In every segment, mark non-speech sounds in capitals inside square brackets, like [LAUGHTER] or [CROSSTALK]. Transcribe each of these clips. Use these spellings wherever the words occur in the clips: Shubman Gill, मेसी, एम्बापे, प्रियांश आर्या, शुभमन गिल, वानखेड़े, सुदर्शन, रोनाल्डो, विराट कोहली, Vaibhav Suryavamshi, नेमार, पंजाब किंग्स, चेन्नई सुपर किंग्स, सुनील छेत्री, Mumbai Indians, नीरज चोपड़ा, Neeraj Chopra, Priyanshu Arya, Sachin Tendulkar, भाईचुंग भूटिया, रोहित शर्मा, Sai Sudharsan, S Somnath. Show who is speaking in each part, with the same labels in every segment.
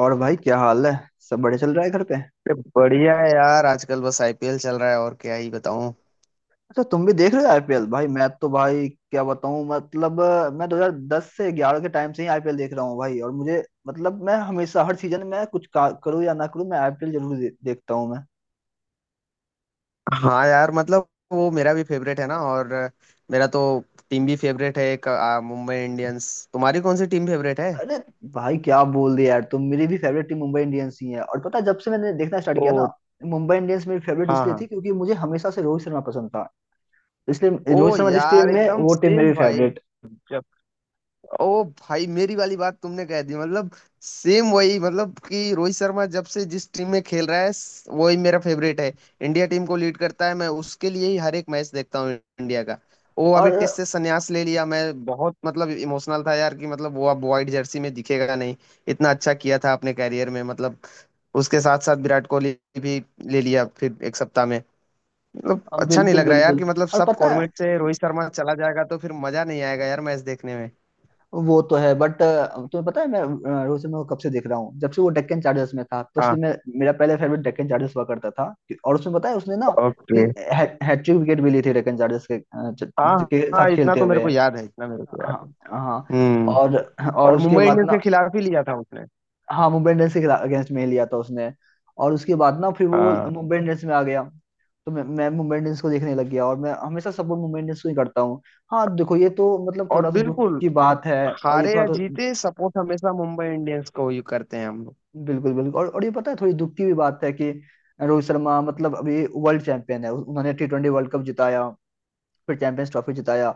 Speaker 1: और भाई क्या हाल है। सब बढ़िया चल रहा है घर पे।
Speaker 2: अरे बढ़िया है यार। आजकल बस आईपीएल चल रहा है, और क्या ही बताऊं।
Speaker 1: अच्छा तुम भी देख रहे हो आईपीएल। भाई मैं तो भाई क्या बताऊं, मतलब मैं 2010 से 11 के टाइम से ही आईपीएल देख रहा हूँ भाई। और मुझे मतलब मैं हमेशा हर सीजन में करूँ या ना करूँ, मैं आईपीएल जरूर देखता हूँ मैं।
Speaker 2: हाँ यार, मतलब वो मेरा भी फेवरेट है ना। और मेरा तो टीम भी फेवरेट है, मुंबई इंडियंस। तुम्हारी कौन सी टीम फेवरेट है?
Speaker 1: अरे भाई क्या बोल दिया यार, तुम मेरी भी फेवरेट टीम मुंबई इंडियंस ही है। और पता है, जब से मैंने देखना स्टार्ट
Speaker 2: ओ।
Speaker 1: किया ना, मुंबई इंडियंस मेरी फेवरेट
Speaker 2: हाँ
Speaker 1: इसलिए
Speaker 2: हाँ।
Speaker 1: थी क्योंकि मुझे हमेशा से रोहित शर्मा पसंद था। इसलिए
Speaker 2: ओ
Speaker 1: रोहित शर्मा जिस
Speaker 2: यार,
Speaker 1: टीम में,
Speaker 2: एकदम
Speaker 1: वो टीम
Speaker 2: सेम
Speaker 1: मेरी
Speaker 2: भाई।
Speaker 1: फेवरेट।
Speaker 2: ओ भाई, मेरी वाली बात तुमने कह दी। मतलब सेम वही, मतलब कि रोहित शर्मा जब से जिस टीम में खेल रहा है वही मेरा फेवरेट है। इंडिया टीम को लीड करता है, मैं उसके लिए ही हर एक मैच देखता हूँ, इंडिया का। वो अभी
Speaker 1: और
Speaker 2: टेस्ट से संन्यास ले लिया, मैं बहुत मतलब इमोशनल था यार, कि मतलब वो अब व्हाइट जर्सी में दिखेगा नहीं। इतना अच्छा किया था अपने कैरियर में, मतलब उसके साथ साथ विराट कोहली भी ले लिया फिर एक सप्ताह में। मतलब अच्छा नहीं
Speaker 1: बिल्कुल
Speaker 2: लग रहा यार,
Speaker 1: बिल्कुल।
Speaker 2: कि मतलब
Speaker 1: और
Speaker 2: सब
Speaker 1: पता है,
Speaker 2: फॉर्मेट से रोहित शर्मा चला जाएगा तो फिर मजा नहीं आएगा यार मैच देखने में।
Speaker 1: वो तो है। बट तुम्हें पता है मैं रोहित शर्मा को कब से देख रहा हूँ, जब से वो डेक्कन चार्जर्स में था। तो
Speaker 2: हाँ।
Speaker 1: इसलिए मैं, मेरा पहले फेवरेट डेक्कन चार्जर्स हुआ करता था। और उसमें पता है उसने ना
Speaker 2: ओके।
Speaker 1: तीन हैट्रिक विकेट भी ली थी डेक्कन चार्जर्स के,
Speaker 2: हाँ
Speaker 1: के
Speaker 2: हाँ,
Speaker 1: साथ
Speaker 2: इतना
Speaker 1: खेलते
Speaker 2: तो मेरे
Speaker 1: हुए।
Speaker 2: को याद है, इतना मेरे को याद
Speaker 1: हाँ
Speaker 2: है।
Speaker 1: हाँ।
Speaker 2: हम्म।
Speaker 1: और और
Speaker 2: और
Speaker 1: उसके
Speaker 2: मुंबई
Speaker 1: बाद
Speaker 2: इंडियंस के
Speaker 1: ना।
Speaker 2: खिलाफ ही लिया था उसने।
Speaker 1: हाँ, मुंबई इंडियंस के अगेंस्ट में ही लिया था उसने। और उसके बाद ना फिर वो
Speaker 2: हाँ।
Speaker 1: मुंबई इंडियंस में आ गया। तो मैं मुंबई इंडियंस को देखने लग गया और मैं हमेशा सपोर्ट मुंबई इंडियंस को ही करता हूँ। हाँ देखो ये तो मतलब
Speaker 2: और
Speaker 1: थोड़ा सा दुख
Speaker 2: बिल्कुल,
Speaker 1: की बात है। और ये
Speaker 2: हारे
Speaker 1: थोड़ा
Speaker 2: या
Speaker 1: तो
Speaker 2: जीते सपोर्ट हमेशा मुंबई इंडियंस को ही करते हैं हम लोग।
Speaker 1: बिल्कुल बिल्कुल। और ये पता है थोड़ी दुख की भी बात है कि रोहित शर्मा मतलब अभी वर्ल्ड चैंपियन है। उन्होंने टी ट्वेंटी वर्ल्ड कप जिताया, फिर चैंपियंस ट्रॉफी जिताया।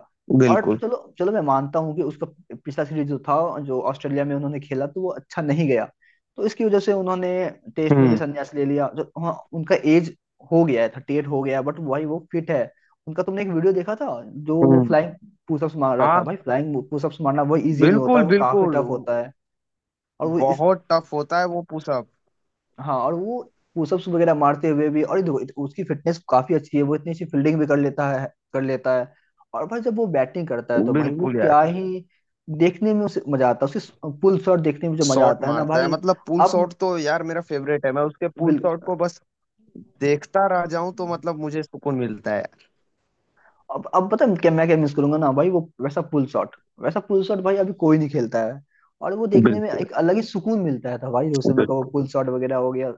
Speaker 1: और
Speaker 2: बिल्कुल।
Speaker 1: चलो चलो मैं मानता हूँ कि उसका पिछला सीरीज जो था, जो ऑस्ट्रेलिया में उन्होंने खेला, तो वो अच्छा नहीं गया। तो इसकी वजह से उन्होंने टेस्ट में भी
Speaker 2: हम्म।
Speaker 1: संन्यास ले लिया। जो हाँ उनका एज हो गया है, थर्टी एट हो गया। बट वही वो फिट है। उनका तुमने एक वीडियो देखा था जो वो
Speaker 2: हम्म।
Speaker 1: फ्लाइंग पुशअप्स मार रहा था।
Speaker 2: हाँ
Speaker 1: भाई फ्लाइंग पुशअप्स मारना वो इजी नहीं होता,
Speaker 2: बिल्कुल
Speaker 1: वो काफी
Speaker 2: बिल्कुल।
Speaker 1: टफ होता है। और वो इस,
Speaker 2: बहुत टफ होता है वो पुशअप।
Speaker 1: हाँ और वो पुशअप्स वगैरह मारते हुए भी। और ये देखो उसकी फिटनेस काफी अच्छी है, वो इतनी अच्छी फील्डिंग भी कर लेता है, कर लेता है। और भाई जब वो बैटिंग करता है तो भाई वो
Speaker 2: बिल्कुल
Speaker 1: क्या
Speaker 2: यार।
Speaker 1: ही, देखने में उसे मजा आता है, उसे पुल शॉट देखने में जो मजा
Speaker 2: शॉट
Speaker 1: आता है ना
Speaker 2: मारता है,
Speaker 1: भाई।
Speaker 2: मतलब पुल
Speaker 1: अब
Speaker 2: शॉट तो यार मेरा फेवरेट है, मैं उसके पुल
Speaker 1: बिल
Speaker 2: शॉट को बस देखता रह जाऊं, तो मतलब मुझे सुकून मिलता है।
Speaker 1: अब पता है क्या मैं क्या मिस करूंगा ना भाई, वो वैसा पुल शॉट, वैसा पुल शॉट भाई अभी कोई नहीं खेलता है। और वो देखने में
Speaker 2: बिल्कुल।
Speaker 1: एक अलग ही सुकून मिलता था भाई, उस समय का वो पुल शॉट वगैरह हो गया।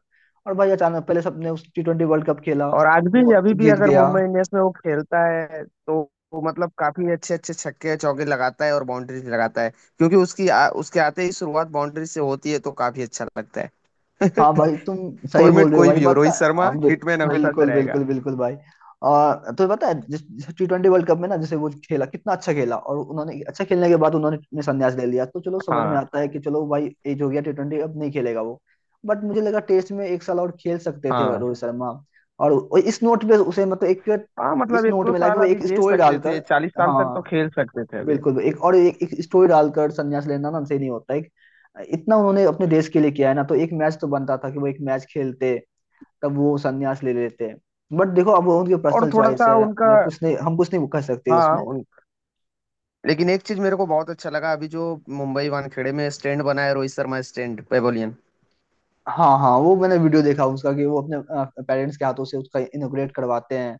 Speaker 1: और भाई अचानक पहले सबने उस टी ट्वेंटी वर्ल्ड कप खेला,
Speaker 2: और आज भी,
Speaker 1: वो
Speaker 2: अभी भी
Speaker 1: जीत
Speaker 2: अगर
Speaker 1: गया।
Speaker 2: मुंबई इंडियंस में वो खेलता है तो वो मतलब काफी अच्छे अच्छे छक्के चौके लगाता है और बाउंड्रीज लगाता है, क्योंकि उसकी उसके आते ही शुरुआत बाउंड्री से होती है, तो काफी अच्छा लगता है।
Speaker 1: हाँ भाई, तुम
Speaker 2: [LAUGHS]
Speaker 1: सही
Speaker 2: फॉर्मेट
Speaker 1: बोल रहे हो
Speaker 2: कोई
Speaker 1: भाई।
Speaker 2: भी हो,
Speaker 1: पता
Speaker 2: रोहित
Speaker 1: है
Speaker 2: शर्मा
Speaker 1: हाँ,
Speaker 2: हिटमैन हमेशा से
Speaker 1: बिल्कुल
Speaker 2: रहेगा।
Speaker 1: बिल्कुल बिल्कुल भाई। और तो पता है जिस टी ट्वेंटी वर्ल्ड कप में ना जैसे वो खेला, कितना अच्छा खेला। और उन्होंने अच्छा खेलने के बाद उन्होंने ने संन्यास ले लिया। तो चलो समझ में
Speaker 2: हाँ।
Speaker 1: आता है कि चलो भाई एज हो गया, टी ट्वेंटी अब नहीं खेलेगा वो। बट मुझे लगा टेस्ट में एक साल और खेल सकते थे
Speaker 2: हाँ
Speaker 1: रोहित शर्मा। और इस नोट पे उसे मतलब एक,
Speaker 2: हाँ,
Speaker 1: इस
Speaker 2: मतलब एक
Speaker 1: नोट
Speaker 2: दो
Speaker 1: में लाके
Speaker 2: साल
Speaker 1: वो
Speaker 2: अभी
Speaker 1: एक
Speaker 2: दे
Speaker 1: स्टोरी
Speaker 2: सकते थे,
Speaker 1: डालकर,
Speaker 2: 40 साल तक तो
Speaker 1: हाँ
Speaker 2: खेल सकते थे अभी।
Speaker 1: बिल्कुल एक और एक स्टोरी डालकर संन्यास लेना ना सही नहीं होता है। इतना उन्होंने अपने देश के लिए किया है ना, तो एक मैच तो बनता था कि वो एक मैच खेलते, तब वो संन्यास ले लेते। बट देखो अब वो उनकी
Speaker 2: और
Speaker 1: पर्सनल
Speaker 2: थोड़ा
Speaker 1: चॉइस
Speaker 2: सा
Speaker 1: है।
Speaker 2: उनका।
Speaker 1: मैं कुछ नहीं हम कुछ नहीं कर सकते
Speaker 2: हाँ।
Speaker 1: उसमें।
Speaker 2: उन, लेकिन एक चीज मेरे को बहुत अच्छा लगा, अभी जो मुंबई वानखेड़े में स्टैंड बना है, रोहित शर्मा स्टैंड पेवेलियन।
Speaker 1: हाँ हाँ, वो मैंने वीडियो देखा उसका कि वो अपने पेरेंट्स के हाथों से उसका इनोग्रेट करवाते हैं।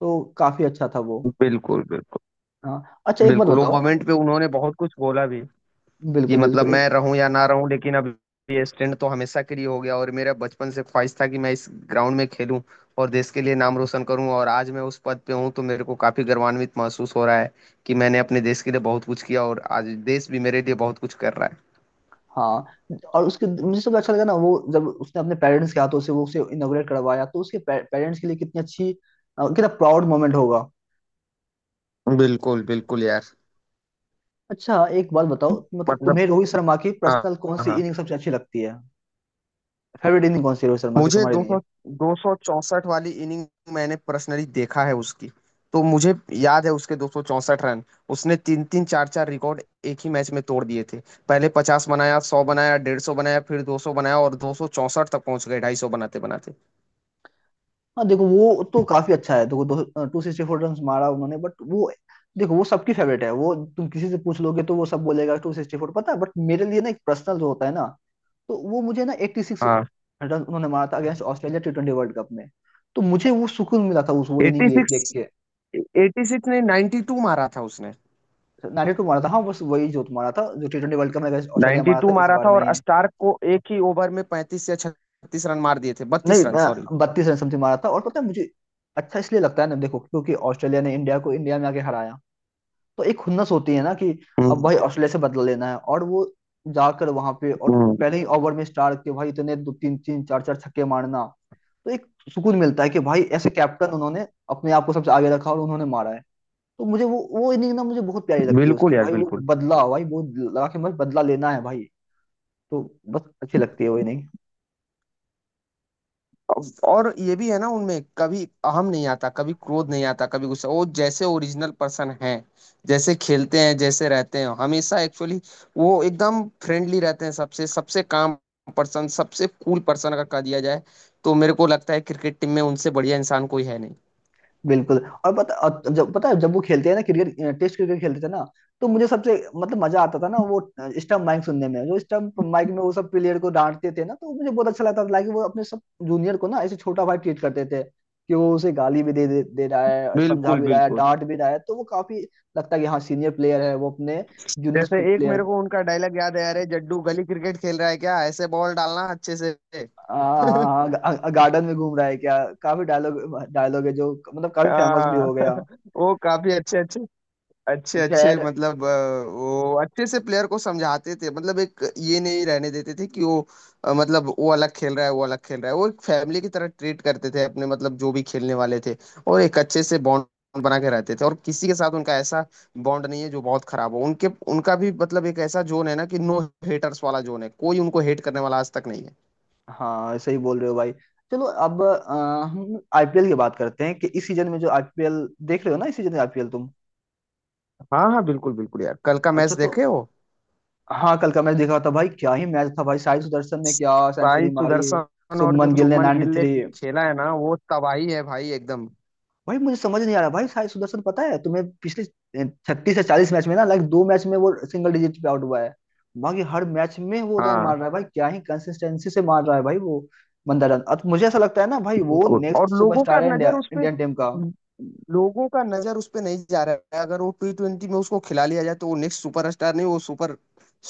Speaker 1: तो काफी अच्छा था वो।
Speaker 2: बिल्कुल बिल्कुल।
Speaker 1: हाँ अच्छा एक बात
Speaker 2: बिल्कुल, वो
Speaker 1: बताओ,
Speaker 2: मोमेंट पे उन्होंने बहुत कुछ बोला भी, कि
Speaker 1: बिल्कुल
Speaker 2: मतलब
Speaker 1: बिल्कुल
Speaker 2: मैं रहूं या ना रहूं लेकिन अब ये स्टैंड तो हमेशा के लिए हो गया। और मेरा बचपन से ख्वाहिश था कि मैं इस ग्राउंड में खेलूं और देश के लिए नाम रोशन करूं, और आज मैं उस पद पे हूं तो मेरे को काफी गर्वान्वित महसूस हो रहा है, कि मैंने अपने देश के लिए बहुत कुछ किया, और आज देश भी मेरे लिए बहुत कुछ कर रहा
Speaker 1: हाँ और उसके मुझे सबसे अच्छा लगा ना, वो जब उसने अपने पेरेंट्स के हाथों से वो उसे इनोग्रेट करवाया, तो उसके पेरेंट्स के लिए कितनी अच्छी, कितना प्राउड मोमेंट होगा।
Speaker 2: है। बिल्कुल बिल्कुल यार।
Speaker 1: अच्छा एक बात बताओ, मतलब
Speaker 2: मतलब।
Speaker 1: तुम्हें रोहित शर्मा की
Speaker 2: हाँ।
Speaker 1: पर्सनल कौन सी
Speaker 2: हाँ।
Speaker 1: इनिंग सबसे अच्छी लगती है? फेवरेट इनिंग कौन सी है रोहित शर्मा की
Speaker 2: मुझे
Speaker 1: तुम्हारे लिए?
Speaker 2: दो सौ चौसठ वाली इनिंग मैंने पर्सनली देखा है उसकी, तो मुझे याद है उसके 264 रन। उसने तीन तीन चार चार रिकॉर्ड एक ही मैच में तोड़ दिए थे। पहले 50 बनाया, 100 बनाया, 150 बनाया, फिर 200 बनाया, और 264 तक पहुंच गए 250 बनाते बनाते।
Speaker 1: हाँ देखो वो तो काफी अच्छा है। देखो दो टू सिक्सटी फोर रन मारा उन्होंने, बट वो देखो वो सबकी फेवरेट है। वो तुम किसी से पूछ लोगे तो वो सब बोलेगा टू सिक्सटी फोर पता है। बट मेरे लिए ना एक पर्सनल जो होता है ना, तो वो मुझे ना एट्टी सिक्स
Speaker 2: हाँ।
Speaker 1: रन उन्होंने मारा था against Australia T twenty world cup में। तो मुझे वो सुकून मिला था उस वो
Speaker 2: एटी
Speaker 1: इनिंग देख देख
Speaker 2: सिक्स
Speaker 1: के।
Speaker 2: 86 नहीं, 92 मारा था उसने।
Speaker 1: 92 मारा था, हाँ बस वही जो मारा था, जो टी ट्वेंटी वर्ल्ड कप में अगेंस्ट ऑस्ट्रेलिया
Speaker 2: नाइन्टी
Speaker 1: मारा था
Speaker 2: टू
Speaker 1: इस
Speaker 2: मारा
Speaker 1: बार
Speaker 2: था,
Speaker 1: में
Speaker 2: और
Speaker 1: ही।
Speaker 2: स्टार्क को एक ही ओवर में 35 या 36 रन मार दिए थे,
Speaker 1: नहीं,
Speaker 2: 32 रन सॉरी।
Speaker 1: 32 रन समथिंग मारा था। और पता है मुझे अच्छा इसलिए लगता है ना देखो, क्योंकि ऑस्ट्रेलिया ने इंडिया को इंडिया में आके हराया, तो एक खुन्नस होती है ना कि अब
Speaker 2: हम्म।
Speaker 1: भाई ऑस्ट्रेलिया से बदला लेना है। और वो जाकर वहां पे और
Speaker 2: हम्म,
Speaker 1: पहले ही ओवर में स्टार के भाई इतने दो तीन तीन चार चार छक्के मारना, तो एक सुकून मिलता है कि भाई ऐसे कैप्टन, उन्होंने अपने आप को सबसे आगे रखा और उन्होंने मारा है। तो मुझे वो इनिंग ना मुझे बहुत प्यारी लगती है उसकी
Speaker 2: बिल्कुल यार
Speaker 1: भाई, वो
Speaker 2: बिल्कुल।
Speaker 1: बदला भाई वो लगा के बस बदला लेना है भाई। तो बस अच्छी लगती है वो इनिंग।
Speaker 2: और ये भी है ना, उनमें कभी अहम नहीं आता, कभी क्रोध नहीं आता, कभी गुस्सा। वो जैसे ओरिजिनल पर्सन है, जैसे खेलते हैं जैसे रहते हैं हमेशा, एक्चुअली वो एकदम फ्रेंडली रहते हैं। सबसे सबसे काम पर्सन, सबसे कूल पर्सन अगर कहा दिया जाए, तो मेरे को लगता है क्रिकेट टीम में उनसे बढ़िया इंसान कोई है नहीं।
Speaker 1: बिल्कुल। और पता और जब पता है जब वो खेलते हैं ना क्रिकेट, टेस्ट क्रिकेट खेलते थे ना, तो मुझे सबसे मतलब मजा आता था ना वो स्टंप माइक सुनने में, जो स्टंप माइक में वो सब प्लेयर को डांटते थे ना, तो मुझे बहुत अच्छा लगता था। लाइक वो अपने सब जूनियर को ना ऐसे छोटा भाई ट्रीट करते थे कि वो उसे गाली भी दे दे, दे रहा है, समझा
Speaker 2: बिल्कुल
Speaker 1: भी रहा है,
Speaker 2: बिल्कुल।
Speaker 1: डांट भी रहा है, तो वो काफी लगता है कि हाँ सीनियर प्लेयर है वो, अपने जूनियर
Speaker 2: जैसे एक मेरे
Speaker 1: प्लेयर।
Speaker 2: को उनका डायलॉग याद है, अरे जड्डू गली क्रिकेट खेल रहा है क्या, ऐसे बॉल डालना अच्छे से। [LAUGHS]
Speaker 1: गार्डन में घूम रहा है क्या, काफी डायलॉग डायलॉग है जो मतलब काफी फेमस भी
Speaker 2: हाँ।
Speaker 1: हो गया।
Speaker 2: [LAUGHS] वो काफी अच्छे अच्छे अच्छे अच्छे
Speaker 1: खैर,
Speaker 2: मतलब वो अच्छे से प्लेयर को समझाते थे, मतलब एक ये नहीं रहने देते थे कि वो मतलब वो अलग खेल रहा है, वो अलग खेल रहा है। वो एक फैमिली की तरह ट्रीट करते थे अपने, मतलब जो भी खेलने वाले थे, और एक अच्छे से बॉन्ड बना के रहते थे। और किसी के साथ उनका ऐसा बॉन्ड नहीं है जो बहुत खराब हो उनके। उनका भी मतलब एक ऐसा जोन है ना, कि नो हेटर्स वाला जोन है, कोई उनको हेट करने वाला आज तक नहीं है।
Speaker 1: हाँ सही बोल रहे हो भाई। चलो अब हम आईपीएल की बात करते हैं कि इस सीजन में जो आईपीएल देख रहे हो ना, इस सीजन में आईपीएल तुम,
Speaker 2: हाँ। हाँ बिल्कुल बिल्कुल यार, कल का मैच
Speaker 1: अच्छा तो
Speaker 2: देखे हो?
Speaker 1: हाँ कल का मैच देखा था भाई। क्या ही मैच था भाई, साई सुदर्शन ने क्या
Speaker 2: भाई
Speaker 1: सेंचुरी मारी,
Speaker 2: सुदर्शन और जो
Speaker 1: शुभमन गिल ने
Speaker 2: शुभमन गिल ने
Speaker 1: 93,
Speaker 2: खेला है ना, वो तबाही है भाई एकदम।
Speaker 1: भाई मुझे समझ नहीं आ रहा भाई, साई सुदर्शन पता है तुम्हें पिछले 36 से 40 मैच में ना लाइक दो मैच में वो सिंगल डिजिट पे आउट हुआ है, बाकी हर मैच में वो रन
Speaker 2: हाँ।
Speaker 1: मार रहा है भाई। क्या ही कंसिस्टेंसी से मार रहा है भाई वो बंदा रन। अब मुझे ऐसा लगता है ना भाई वो
Speaker 2: बिल्कुल,
Speaker 1: नेक्स्ट
Speaker 2: और लोगों का
Speaker 1: सुपरस्टार है
Speaker 2: नजर
Speaker 1: इंडिया,
Speaker 2: उस पे,
Speaker 1: इंडियन टीम का।
Speaker 2: नहीं जा रहा है। अगर वो टी ट्वेंटी में उसको खिला लिया जाए तो वो नेक्स्ट सुपर स्टार नहीं, वो सुपर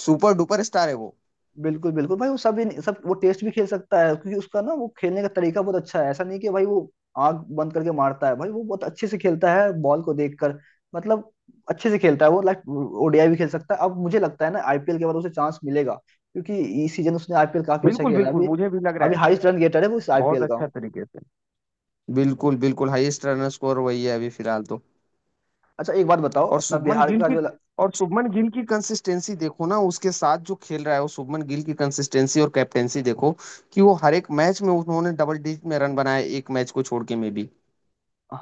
Speaker 2: सुपर डुपर स्टार है वो।
Speaker 1: बिल्कुल बिल्कुल भाई, वो सब ही नहीं- सब वो टेस्ट भी खेल सकता है, क्योंकि उसका ना वो खेलने का तरीका बहुत अच्छा है। ऐसा नहीं कि भाई वो आंख बंद करके मारता है, भाई वो बहुत अच्छे से खेलता है बॉल को देखकर, मतलब अच्छे से खेलता है वो। लाइक ओडीआई भी खेल सकता है, अब मुझे लगता है ना आईपीएल के बाद उसे चांस मिलेगा, क्योंकि इस सीजन उसने आईपीएल काफी अच्छा
Speaker 2: बिल्कुल
Speaker 1: खेला है
Speaker 2: बिल्कुल,
Speaker 1: अभी।
Speaker 2: मुझे भी लग रहा
Speaker 1: अभी
Speaker 2: है,
Speaker 1: हाईएस्ट रन गेटर है वो इस
Speaker 2: बहुत
Speaker 1: आईपीएल का।
Speaker 2: अच्छा तरीके से। बिल्कुल बिल्कुल, हाईएस्ट रन स्कोर वही है अभी फिलहाल तो।
Speaker 1: अच्छा एक बात बताओ,
Speaker 2: और
Speaker 1: अपना
Speaker 2: शुभमन
Speaker 1: बिहार
Speaker 2: गिल
Speaker 1: का
Speaker 2: की
Speaker 1: जो,
Speaker 2: और शुभमन गिल की कंसिस्टेंसी देखो ना, उसके साथ जो खेल रहा है वो। शुभमन गिल की कंसिस्टेंसी और कैप्टेंसी देखो, कि वो हर एक मैच में उन्होंने डबल डिजिट में रन बनाए, एक मैच को छोड़ के में भी।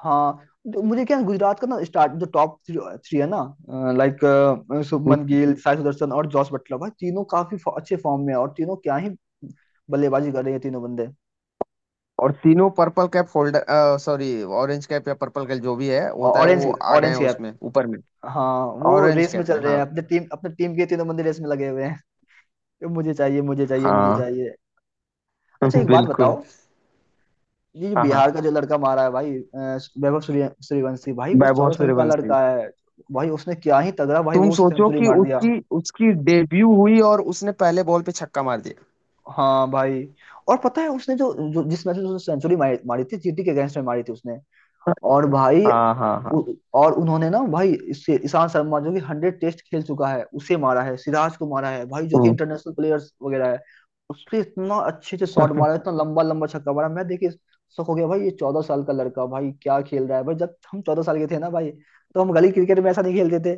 Speaker 1: हाँ तो मुझे क्या है, गुजरात का ना स्टार्ट जो टॉप थ्री है ना, लाइक शुभमन गिल, साई सुदर्शन और जॉस बटलर, भाई तीनों काफी अच्छे फॉर्म में हैं। और तीनों क्या ही बल्लेबाजी कर रहे हैं तीनों बंदे।
Speaker 2: और तीनों purple cap folder, sorry orange cap या पर्पल कैप जो भी है
Speaker 1: और
Speaker 2: होता है,
Speaker 1: ऑरेंज
Speaker 2: वो आ गए हैं
Speaker 1: ऑरेंज कैप,
Speaker 2: उसमें ऊपर में।
Speaker 1: हाँ वो
Speaker 2: ऑरेंज
Speaker 1: रेस में
Speaker 2: कैप
Speaker 1: चल
Speaker 2: में
Speaker 1: रहे हैं,
Speaker 2: हाँ।
Speaker 1: अपने टीम के तीनों बंदे रेस में लगे हुए हैं कि मुझे चाहिए, मुझे चाहिए, मुझे
Speaker 2: हाँ।
Speaker 1: चाहिए। अच्छा
Speaker 2: [LAUGHS]
Speaker 1: एक बात बताओ,
Speaker 2: बिल्कुल।
Speaker 1: ये जो
Speaker 2: हाँ हाँ।
Speaker 1: बिहार का जो लड़का मारा है भाई, वैभव सूर्य सूर्यवंशी, भाई बस
Speaker 2: वैभव
Speaker 1: 14 साल का
Speaker 2: सूर्यवंशी।
Speaker 1: लड़का है। भाई उसने क्या ही तगड़ा भाई
Speaker 2: तुम
Speaker 1: वो
Speaker 2: सोचो
Speaker 1: सेंचुरी
Speaker 2: कि
Speaker 1: मार दिया।
Speaker 2: उसकी उसकी डेब्यू हुई और उसने पहले बॉल पे छक्का मार दिया।
Speaker 1: हाँ भाई, और पता है उसने जो जिस मैच में उसने सेंचुरी मारी थी, जीटी के अगेंस्ट में मारी थी उसने। और भाई
Speaker 2: हाँ हाँ हाँ।
Speaker 1: और उन्होंने ना भाई इससे ईशांत शर्मा जो कि हंड्रेड टेस्ट खेल चुका है उसे मारा है, सिराज को मारा है भाई, जो कि
Speaker 2: हम्म।
Speaker 1: इंटरनेशनल प्लेयर्स वगैरह है। उससे इतना अच्छे से शॉट मारा, इतना लंबा लंबा छक्का मारा, मैं देखिए शौक हो गया भाई। ये चौदह साल का लड़का भाई क्या खेल रहा है भाई, जब हम 14 साल के थे ना भाई, तो हम गली क्रिकेट में ऐसा नहीं खेलते थे,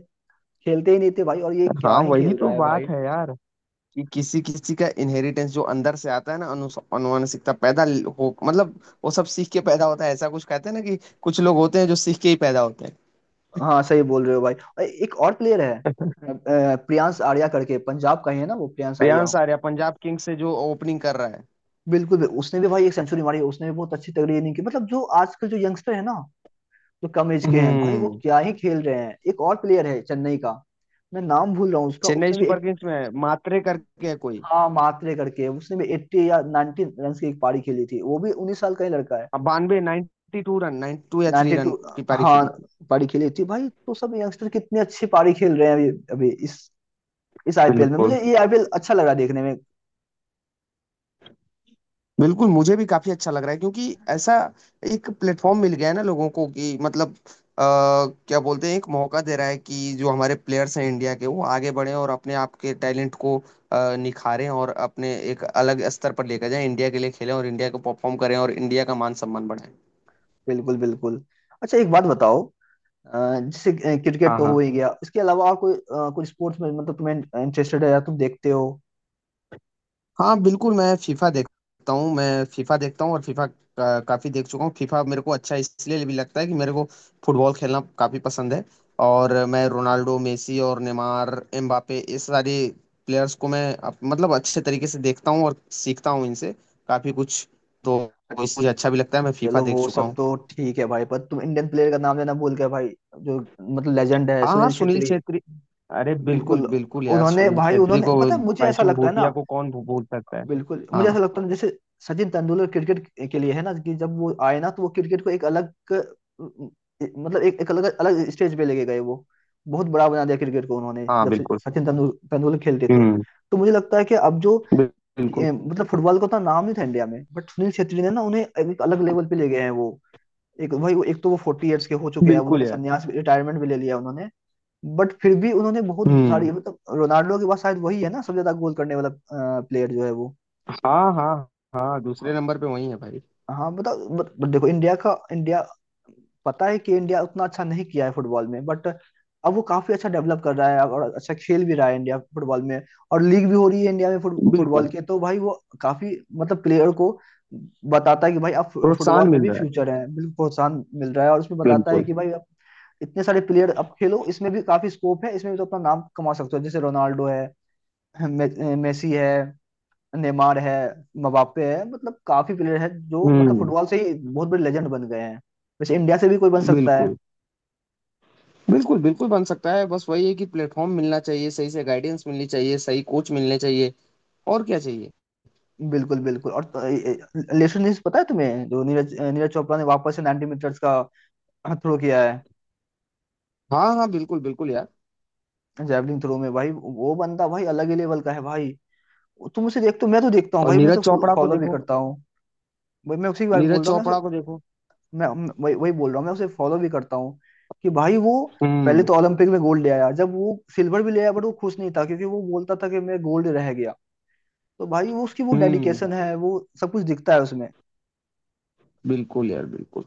Speaker 1: खेलते ही नहीं थे भाई। और ये
Speaker 2: [LAUGHS]
Speaker 1: क्या
Speaker 2: हाँ
Speaker 1: ही
Speaker 2: वही
Speaker 1: खेल
Speaker 2: तो
Speaker 1: रहा है भाई।
Speaker 2: बात है यार, कि किसी किसी का इनहेरिटेंस जो अंदर से आता है ना, अनुवांशिकता पैदा हो मतलब। वो सब सीख के पैदा होता है, ऐसा कुछ कहते हैं ना कि कुछ लोग होते हैं जो सीख के ही पैदा होते हैं।
Speaker 1: हाँ सही बोल रहे हो भाई। और एक और प्लेयर है प्रियांश आर्या करके, पंजाब का ही है ना वो प्रियांश आर्या।
Speaker 2: प्रियांश आर्या पंजाब किंग्स से जो ओपनिंग कर रहा है।
Speaker 1: बिल्कुल भी उसने भी भाई एक सेंचुरी मारी, उसने भी बहुत अच्छी तगड़ी इनिंग की। मतलब जो आजकल जो यंगस्टर है ना, जो कम एज के हैं भाई वो
Speaker 2: हम्म।
Speaker 1: क्या ही खेल रहे हैं। एक और प्लेयर है चेन्नई का, मैं नाम भूल रहा हूँ उसका।
Speaker 2: चेन्नई
Speaker 1: उसने भी
Speaker 2: सुपर
Speaker 1: एक,
Speaker 2: किंग्स में है, मात्रे करके है कोई।
Speaker 1: हाँ मात्रे करके, उसने भी 80 या 90 रन की एक पारी खेली थी। वो भी 19 साल का ही लड़का है।
Speaker 2: बानवे, 92 टू रन, 92 या थ्री
Speaker 1: 92,
Speaker 2: रन की पारी
Speaker 1: हाँ,
Speaker 2: खेली थी।
Speaker 1: पारी खेली थी भाई। तो सब यंगस्टर कितनी अच्छी पारी खेल रहे हैं अभी अभी इस, आईपीएल में।
Speaker 2: बिल्कुल
Speaker 1: मुझे ये आईपीएल अच्छा लगा देखने में।
Speaker 2: बिल्कुल, मुझे भी काफी अच्छा लग रहा है, क्योंकि ऐसा एक प्लेटफॉर्म मिल गया है ना लोगों को, कि मतलब आ, क्या बोलते हैं, एक मौका दे रहा है कि जो हमारे प्लेयर्स हैं इंडिया के वो आगे बढ़े और अपने आप के टैलेंट को निखारें, और अपने एक अलग स्तर पर लेकर जाएं, इंडिया के लिए खेलें और इंडिया को परफॉर्म करें, और इंडिया का मान सम्मान बढ़ाएं।
Speaker 1: बिल्कुल बिल्कुल। अच्छा एक बात बताओ, अ, जैसे क्रिकेट
Speaker 2: हाँ
Speaker 1: तो हो
Speaker 2: हाँ।
Speaker 1: ही गया, इसके अलावा और कोई कोई स्पोर्ट्स में मतलब तुम्हें इंटरेस्टेड है या तुम देखते हो?
Speaker 2: हाँ बिल्कुल, मैं फीफा देखता हूँ, मैं फीफा देखता हूँ, और फीफा का काफी देख चुका हूँ। फीफा मेरे को अच्छा इसलिए भी लगता है कि मेरे को फुटबॉल खेलना काफी पसंद है। और मैं रोनाल्डो मेसी और नेमार एम्बापे इस सारे प्लेयर्स को मैं मतलब अच्छे तरीके से देखता हूँ और सीखता हूँ इनसे काफी कुछ। तो इससे मुझे अच्छा भी लगता है, मैं फीफा
Speaker 1: चलो
Speaker 2: देख
Speaker 1: वो
Speaker 2: चुका
Speaker 1: सब
Speaker 2: हूँ।
Speaker 1: तो ठीक है भाई, पर तुम इंडियन प्लेयर का नाम लेना भूल गए भाई, जो मतलब लेजेंड है,
Speaker 2: हाँ हाँ,
Speaker 1: सुनील
Speaker 2: सुनील
Speaker 1: छेत्री।
Speaker 2: छेत्री। अरे बिल्कुल
Speaker 1: बिल्कुल।
Speaker 2: बिल्कुल यार,
Speaker 1: उन्होंने
Speaker 2: सुनील
Speaker 1: भाई,
Speaker 2: छेत्री
Speaker 1: उन्होंने,
Speaker 2: को,
Speaker 1: पता है मुझे ऐसा
Speaker 2: भाईचुंग
Speaker 1: लगता है
Speaker 2: भूटिया
Speaker 1: ना,
Speaker 2: को कौन भूल सकता है।
Speaker 1: बिल्कुल मुझे ऐसा
Speaker 2: हाँ।
Speaker 1: लगता है, जैसे सचिन तेंदुलकर क्रिकेट के लिए है ना, कि जब वो आए ना, तो वो क्रिकेट को एक अलग, मतलब एक, एक अलग अलग स्टेज पे लेके गए। वो बहुत बड़ा बना दिया क्रिकेट को उन्होंने,
Speaker 2: हाँ
Speaker 1: जब से
Speaker 2: बिल्कुल।
Speaker 1: सचिन तेंदुलकर खेलते थे।
Speaker 2: हम्म।
Speaker 1: तो मुझे लगता है कि अब जो
Speaker 2: बिल्कुल
Speaker 1: मतलब फुटबॉल का उतना नाम नहीं था इंडिया में, बट सुनील छेत्री ने ना उन्हें एक अलग लेवल पे ले गए हैं वो। एक भाई वो एक, तो वो फोर्टी ईयर्स के हो चुके हैं अब,
Speaker 2: बिल्कुल
Speaker 1: उन्होंने
Speaker 2: यार।
Speaker 1: संन्यास रिटायरमेंट भी ले लिया उन्होंने। बट फिर भी उन्होंने बहुत
Speaker 2: हम्म।
Speaker 1: सारी, मतलब रोनाल्डो के बाद शायद वही है ना सबसे ज्यादा गोल करने वाला प्लेयर जो है वो।
Speaker 2: हाँ हाँ। हाँ, दूसरे
Speaker 1: हाँ।
Speaker 2: नंबर पे वही है भाई।
Speaker 1: हाँ बताओ, बत, बत, देखो इंडिया का, इंडिया पता है कि इंडिया उतना अच्छा नहीं किया है फुटबॉल में, बट अब वो काफी अच्छा डेवलप कर रहा है और अच्छा खेल भी रहा है इंडिया फुटबॉल में। और लीग भी हो रही है इंडिया में
Speaker 2: बिल्कुल
Speaker 1: फुटबॉल के। तो भाई वो काफी मतलब प्लेयर को बताता है कि भाई आप
Speaker 2: प्रोत्साहन
Speaker 1: फुटबॉल में
Speaker 2: मिल
Speaker 1: भी
Speaker 2: रहा है।
Speaker 1: फ्यूचर है, बिल्कुल प्रोत्साहन मिल रहा है। और उसमें बताता है
Speaker 2: बिल्कुल।
Speaker 1: कि भाई आप इतने सारे प्लेयर अब खेलो, इसमें भी काफी स्कोप है, इसमें भी तो अपना नाम कमा सकते हो। जैसे रोनाल्डो है, मे, मेसी है, नेमार है, मबाप्पे है। मतलब काफी प्लेयर है जो मतलब
Speaker 2: हम्म।
Speaker 1: फुटबॉल से ही बहुत बड़े लेजेंड बन गए हैं। वैसे इंडिया से भी कोई बन सकता है।
Speaker 2: बिल्कुल बिल्कुल, बिल्कुल बन सकता है, बस वही है कि प्लेटफॉर्म मिलना चाहिए, सही से गाइडेंस मिलनी चाहिए, सही कोच मिलने चाहिए, और क्या चाहिए।
Speaker 1: बिल्कुल बिल्कुल। और लेटेस्ट न्यूज पता है तुम्हें, जो नीरज, चोपड़ा ने वापस से 90 मीटर्स का थ्रो किया है,
Speaker 2: हाँ हाँ बिल्कुल बिल्कुल यार।
Speaker 1: जैवलिन थ्रो में। भाई वो बंदा भाई अलग ही लेवल का है भाई। तुम उसे देखते हो? मैं तो देखता हूँ
Speaker 2: और
Speaker 1: भाई, मैं
Speaker 2: नीरज
Speaker 1: उसे
Speaker 2: चोपड़ा को
Speaker 1: फॉलो भी
Speaker 2: देखो।
Speaker 1: करता हूँ। भाई मैं उसी के बारे में
Speaker 2: नीरज
Speaker 1: बोल रहा हूँ, मैं
Speaker 2: चोपड़ा को देखो
Speaker 1: मैं मैं- वही वही बोल रहा हूँ, मैं उसे फॉलो भी करता हूँ। कि भाई वो पहले
Speaker 2: हम्म।
Speaker 1: तो ओलंपिक में गोल्ड ले आया, जब वो सिल्वर भी ले आया बट वो खुश नहीं था क्योंकि वो बोलता था कि मैं गोल्ड रह गया। तो भाई वो उसकी वो
Speaker 2: हम्म
Speaker 1: डेडिकेशन है, वो सब कुछ दिखता है उसमें।
Speaker 2: बिल्कुल यार बिल्कुल।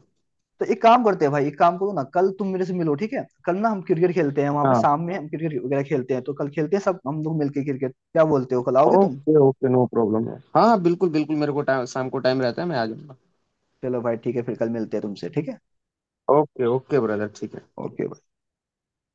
Speaker 1: तो एक काम करते हैं भाई, एक काम करो ना, कल तुम मेरे से मिलो, ठीक है? कल ना हम क्रिकेट खेलते हैं वहां पे,
Speaker 2: हाँ
Speaker 1: शाम में हम क्रिकेट वगैरह खेलते हैं, तो कल खेलते हैं सब हम लोग मिलके क्रिकेट। क्या बोलते हो, कल आओगे तुम?
Speaker 2: ओके ओके, नो प्रॉब्लम है। हाँ हाँ बिल्कुल बिल्कुल, मेरे को टाइम, शाम को टाइम रहता है, मैं आ जाऊंगा।
Speaker 1: चलो भाई ठीक है फिर, कल मिलते हैं तुमसे, ठीक है?
Speaker 2: ओके ओके ब्रदर, ठीक है।
Speaker 1: ओके।